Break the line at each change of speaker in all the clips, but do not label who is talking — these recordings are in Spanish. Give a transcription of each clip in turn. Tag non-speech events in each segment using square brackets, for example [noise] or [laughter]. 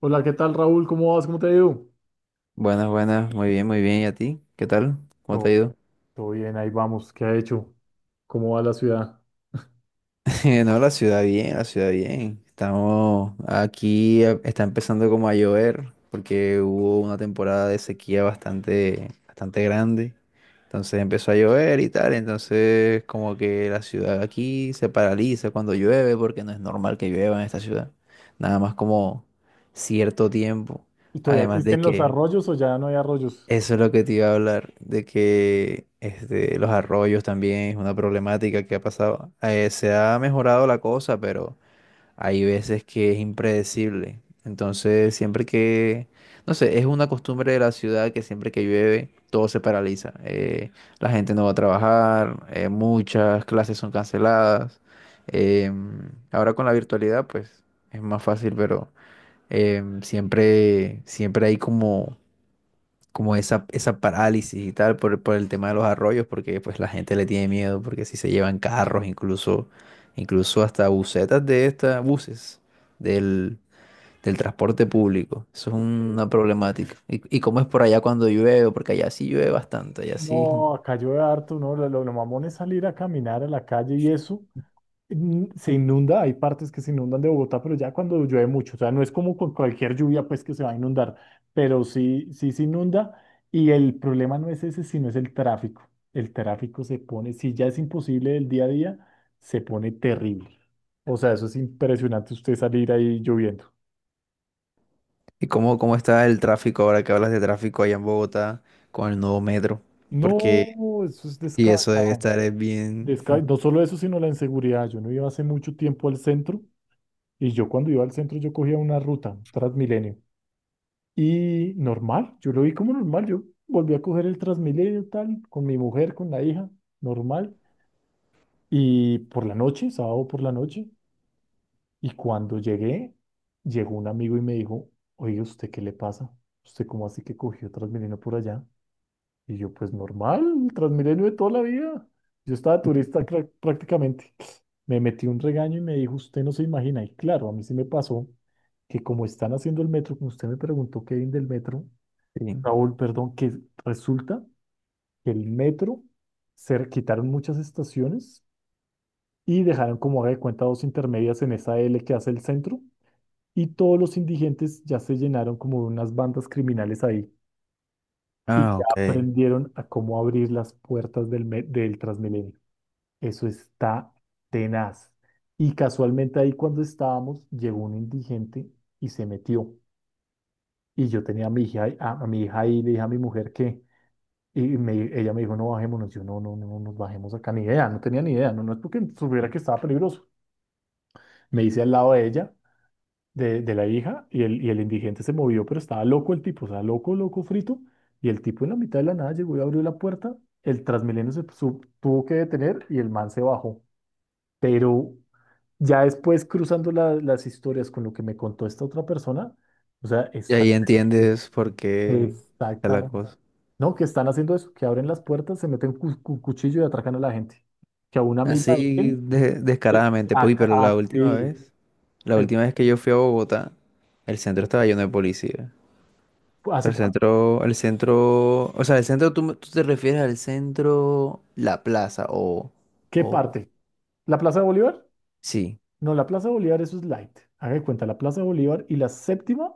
Hola, ¿qué tal, Raúl? ¿Cómo vas? ¿Cómo te ha ido?
Buenas, buenas, muy bien, muy bien. ¿Y a ti? ¿Qué tal? ¿Cómo te
Todo
ha
bien.
ido?
Todo bien, ahí vamos. ¿Qué ha hecho? ¿Cómo va la ciudad?
[laughs] No, la ciudad bien, la ciudad bien. Estamos aquí, está empezando como a llover porque hubo una temporada de sequía bastante grande. Entonces empezó a llover y tal. Entonces como que la ciudad aquí se paraliza cuando llueve porque no es normal que llueva en esta ciudad. Nada más como cierto tiempo.
¿Y todavía
Además de
existen los
que
arroyos o ya no hay arroyos?
Eso es lo que te iba a hablar, de que los arroyos también es una problemática que ha pasado. Se ha mejorado la cosa, pero hay veces que es impredecible. Entonces, no sé, es una costumbre de la ciudad que siempre que llueve todo se paraliza. La gente no va a trabajar, muchas clases son canceladas. Ahora con la virtualidad, pues es más fácil, pero siempre, siempre hay como esa parálisis y tal por el tema de los arroyos, porque pues la gente le tiene miedo, porque si se llevan carros, incluso hasta busetas de estas, buses del, del transporte público. Eso es
Ok.
una problemática. ¿ y cómo es por allá cuando llueve? Porque allá sí llueve bastante, allá sí.
No, acá llueve harto, ¿no? Lo mamón es salir a caminar a la calle y eso, se inunda, hay partes que se inundan de Bogotá, pero ya cuando llueve mucho, o sea, no es como con cualquier lluvia pues que se va a inundar, pero sí, sí se inunda, y el problema no es ese, sino es el tráfico. El tráfico se pone, si ya es imposible el día a día, se pone terrible. O sea, eso es impresionante usted salir ahí lloviendo.
¿Y cómo está el tráfico ahora que hablas de tráfico allá en Bogotá con el nuevo metro? Porque,
No, eso es
y eso debe
descabellado.
estar es bien. [laughs]
No solo eso, sino la inseguridad. Yo no iba hace mucho tiempo al centro y yo cuando iba al centro yo cogía una ruta, Transmilenio. Y normal, yo lo vi como normal, yo volví a coger el Transmilenio tal, con mi mujer, con la hija, normal. Y por la noche, sábado por la noche, y cuando llegué, llegó un amigo y me dijo, oye, ¿usted qué le pasa? ¿Usted cómo así que cogió Transmilenio por allá? Y yo, pues normal, el Transmilenio de toda la vida. Yo estaba turista prácticamente. Me metí un regaño y me dijo, usted no se imagina. Y claro, a mí sí me pasó que como están haciendo el metro, como usted me preguntó, Kevin, del metro,
Sí.
Raúl, perdón, que resulta que el metro se quitaron muchas estaciones y dejaron como haga de cuenta dos intermedias en esa L que hace el centro y todos los indigentes ya se llenaron como de unas bandas criminales ahí y
Ah,
ya
ok.
aprendieron a cómo abrir las puertas del Transmilenio. Eso está tenaz. Y casualmente ahí cuando estábamos llegó un indigente y se metió. Y yo tenía a mi hija, a mi hija ahí y le dije a mi mujer que ella me dijo, no bajémonos. Yo, no, no, no, no nos bajemos acá. Ni idea, no tenía ni idea. No, no es porque supiera que estaba peligroso. Me hice al lado de ella, de la hija, y el indigente se movió, pero estaba loco el tipo, o sea, loco, loco, frito. Y el tipo en la mitad de la nada llegó y abrió la puerta. El Transmilenio se tuvo que detener y el man se bajó. Pero ya después, cruzando las historias con lo que me contó esta otra persona, o sea,
Y
está
ahí
terrible.
entiendes por qué está la
Exactamente.
cosa.
No, que están haciendo eso, que abren las puertas, se meten cuchillo y atracan a la gente. Que a una amiga de
Así
él,
descaradamente, pues, pero
ah, sí,
la
eh,
última vez que yo fui a Bogotá, el centro estaba lleno de policía.
¿hace cuánto?
O sea, el centro, tú te refieres al centro, la plaza, o,
¿Qué
o,
parte? ¿La Plaza de Bolívar?
sí,
No, la Plaza de Bolívar, eso es light. Haga de cuenta, la Plaza de Bolívar y la séptima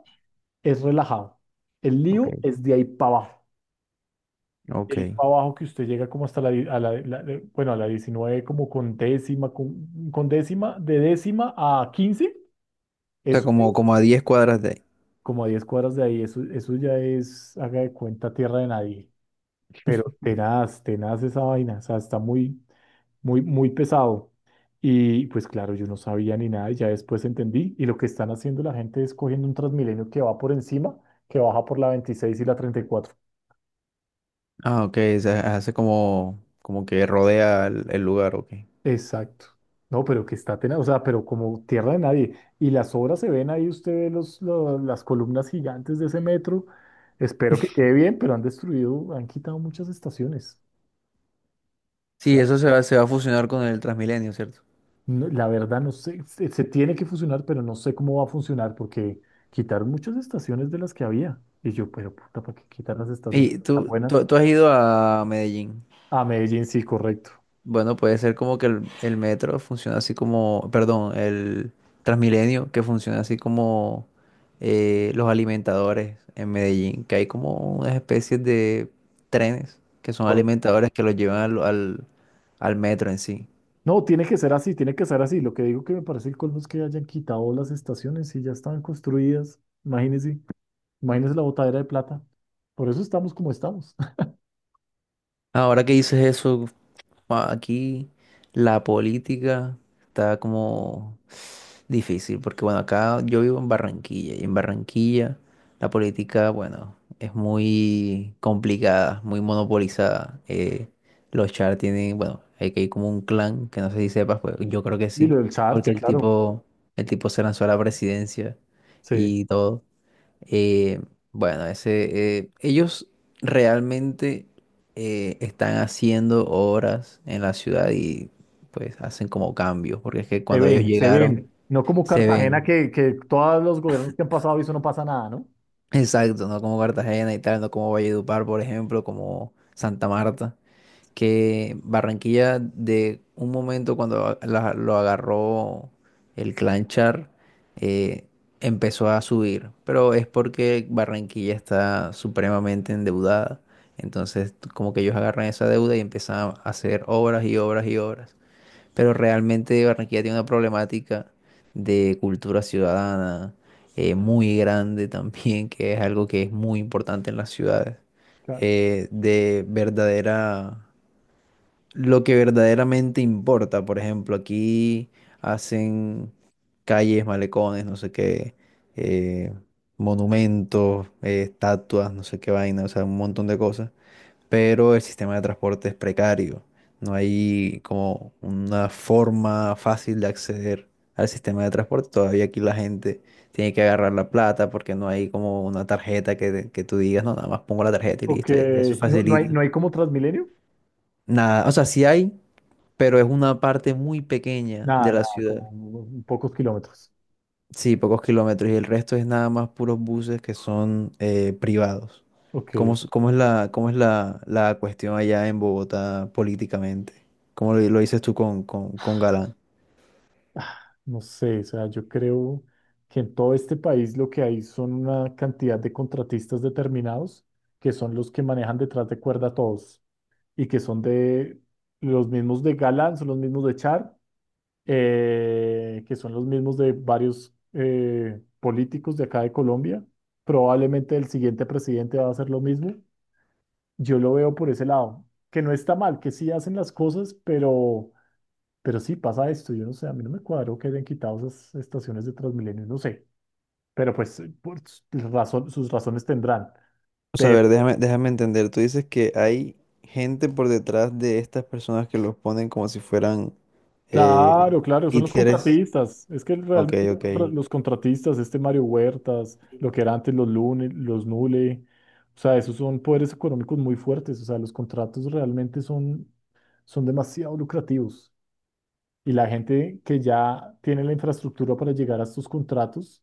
es relajado. El
ok,
lío es de ahí para abajo. De
ok.
ahí para abajo que usted llega como hasta la, di- a la- la- la- bueno, a la 19 como con décima, con décima, de décima a 15,
O sea,
eso.
como a diez cuadras de ahí.
Como a 10 cuadras de ahí, eso ya es, haga de cuenta, tierra de nadie. Pero tenaz, tenaz esa vaina, o sea, está muy, muy, muy pesado. Y pues claro, yo no sabía ni nada, y ya después entendí. Y lo que están haciendo la gente es cogiendo un Transmilenio que va por encima, que baja por la 26 y la 34.
Ah, ok, o sea, hace como que rodea el lugar, ok.
Exacto. No, pero que está tenaz, o sea, pero como tierra de nadie. Y las obras se ven ahí, usted ve las columnas gigantes de ese metro. Espero que quede bien, pero han destruido, han quitado muchas estaciones.
Sí, se va a fusionar con el Transmilenio, ¿cierto?
No, la verdad no sé, se tiene que fusionar, pero no sé cómo va a funcionar porque quitaron muchas estaciones de las que había. Y yo, pero puta, ¿para qué quitar las estaciones
Y
tan buenas?
tú has ido a Medellín.
A Medellín, sí, correcto.
Bueno, puede ser como que el metro funciona así como, perdón, el Transmilenio, que funciona así como los alimentadores en Medellín, que hay como unas especies de trenes que son
Pues,
alimentadores que los llevan al al, metro en sí.
no, tiene que ser así, tiene que ser así. Lo que digo que me parece el colmo es que hayan quitado las estaciones y ya estaban construidas. Imagínense, imagínense la botadera de plata. Por eso estamos como estamos. [laughs]
Ahora que dices eso, ah, aquí la política está como difícil, porque bueno, acá yo vivo en Barranquilla y en Barranquilla la política, bueno, es muy complicada, muy monopolizada. Los Char tienen, bueno, hay que ir como un clan, que no sé si sepas, pues yo creo que
Y lo
sí,
del charcha,
porque
claro.
el tipo se lanzó a la presidencia
Sí,
y todo. Eh, bueno, ellos realmente están haciendo obras en la ciudad y pues hacen como cambios, porque es que
se
cuando ellos
ven, se
llegaron
ven. No como
se
Cartagena
ven,
que todos los gobiernos que han pasado y eso no pasa nada, ¿no?
exacto, no como Cartagena y tal, no como Valledupar, por ejemplo, como Santa Marta. Que Barranquilla de un momento cuando lo agarró el clan Char, eh, empezó a subir, pero es porque Barranquilla está supremamente endeudada. Entonces, como que ellos agarran esa deuda y empiezan a hacer obras y obras y obras. Pero realmente Barranquilla tiene una problemática de cultura ciudadana muy grande también, que es algo que es muy importante en las ciudades
Claro.
de verdadera lo que verdaderamente importa. Por ejemplo, aquí hacen calles, malecones, no sé qué, eh, monumentos, estatuas, no sé qué vaina, o sea, un montón de cosas. Pero el sistema de transporte es precario. No hay como una forma fácil de acceder al sistema de transporte. Todavía aquí la gente tiene que agarrar la plata porque no hay como una tarjeta que tú digas, no, nada más pongo la tarjeta y
Ok,
listo, y eso
no, no hay,
facilita.
no hay como Transmilenio.
Nada, o sea, sí hay, pero es una parte muy pequeña de
Nada,
la
nada, como
ciudad.
pocos kilómetros.
Sí, pocos kilómetros y el resto es nada más puros buses que son privados.
Ok,
¿ cómo es la cuestión allá en Bogotá políticamente? ¿Cómo lo dices tú con Galán?
no sé, o sea, yo creo que en todo este país lo que hay son una cantidad de contratistas determinados que son los que manejan detrás de cuerda a todos y que son de los mismos de Galán, son los mismos de Char, que son los mismos de varios políticos de acá de Colombia. Probablemente el siguiente presidente va a hacer lo mismo. Yo lo veo por ese lado, que no está mal, que sí hacen las cosas, pero sí pasa esto. Yo no sé, a mí no me cuadró que hayan quitado esas estaciones de Transmilenio, no sé, pero pues sus razones tendrán.
O sea, a
Pero,
ver, déjame entender. Tú dices que hay gente por detrás de estas personas que los ponen como si fueran eh,
claro, claro, son los
títeres.
contratistas. Es que
Ok,
realmente
ok.
los contratistas, este Mario Huertas, lo que era antes los Lune, los Nule, o sea, esos son poderes económicos muy fuertes. O sea, los contratos realmente son demasiado lucrativos. Y la gente que ya tiene la infraestructura para llegar a estos contratos,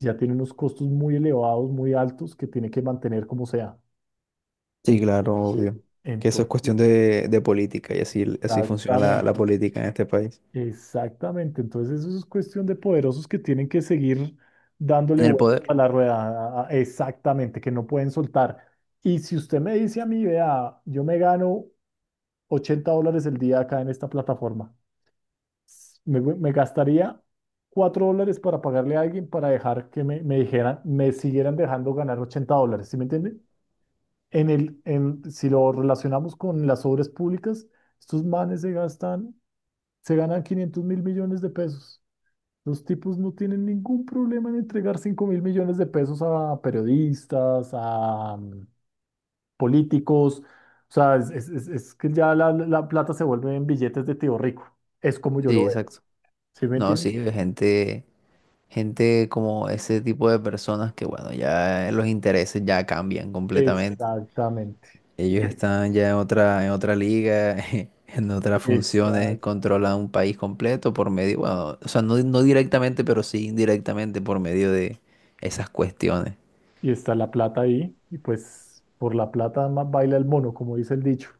ya tiene unos costos muy elevados, muy altos, que tiene que mantener como sea.
Sí,
En-
claro, obvio.
eh,
Que eso es
ento-
cuestión de política y así, así funciona la
exactamente,
política en este país.
exactamente. Entonces eso es cuestión de poderosos que tienen que seguir dándole
En el
vueltas a
poder.
la rueda, exactamente, que no pueden soltar. Y si usted me dice a mí, vea, yo me gano $80 el día acá en esta plataforma. Me gastaría $4 para pagarle a alguien para dejar que me dijeran, me siguieran dejando ganar $80, ¿sí me entiende? Si lo relacionamos con las obras públicas, estos manes se gastan, se ganan 500.000 millones de pesos. Los tipos no tienen ningún problema en entregar 5.000 millones de pesos a periodistas, a políticos. O sea, es que ya la plata se vuelve en billetes de tío rico. Es como yo
Sí,
lo veo,
exacto.
¿sí me
No,
entiendes?
sí, gente como ese tipo de personas que, bueno, ya los intereses ya cambian completamente.
Exactamente.
Ellos están ya en otra liga, [laughs] en otras funciones,
Está,
controlan un país completo por medio, bueno, o sea, no, no directamente, pero sí indirectamente por medio de esas cuestiones.
y está la plata ahí, y pues por la plata más baila el mono, como dice el dicho.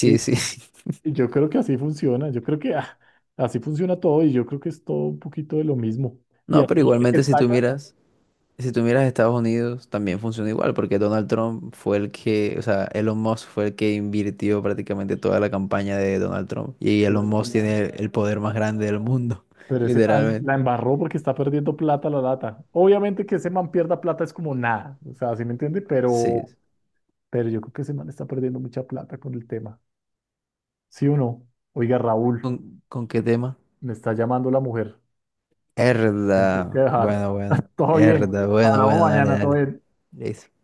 Y,
sí. [laughs]
y yo creo que así funciona, yo creo que así funciona todo, y yo creo que es todo un poquito de lo mismo. Y
No, pero
así el
igualmente
que
si tú
salga,
miras. Si tú miras Estados Unidos, también funciona igual, porque Donald Trump fue el que, o sea, Elon Musk fue el que invirtió prácticamente toda la campaña de Donald Trump.
"Ush,
Y
pero
Elon
ese
Musk
man,
tiene el poder más grande del mundo, [laughs]
pero ese man la
literalmente.
embarró porque está perdiendo plata la lata. Obviamente que ese man pierda plata es como nada, o sea, ¿sí me entiende?
Sí. Sí.
Pero yo creo que ese man está perdiendo mucha plata con el tema. ¿Sí o no? Oiga, Raúl,
Con qué tema?
me está llamando la mujer. Tengo que
Herda.
dejar.
Bueno, bueno.
[laughs] Todo bien.
Herda, bueno,
Hablamos
bueno, dale,
mañana, todo
dale.
bien.
Listo.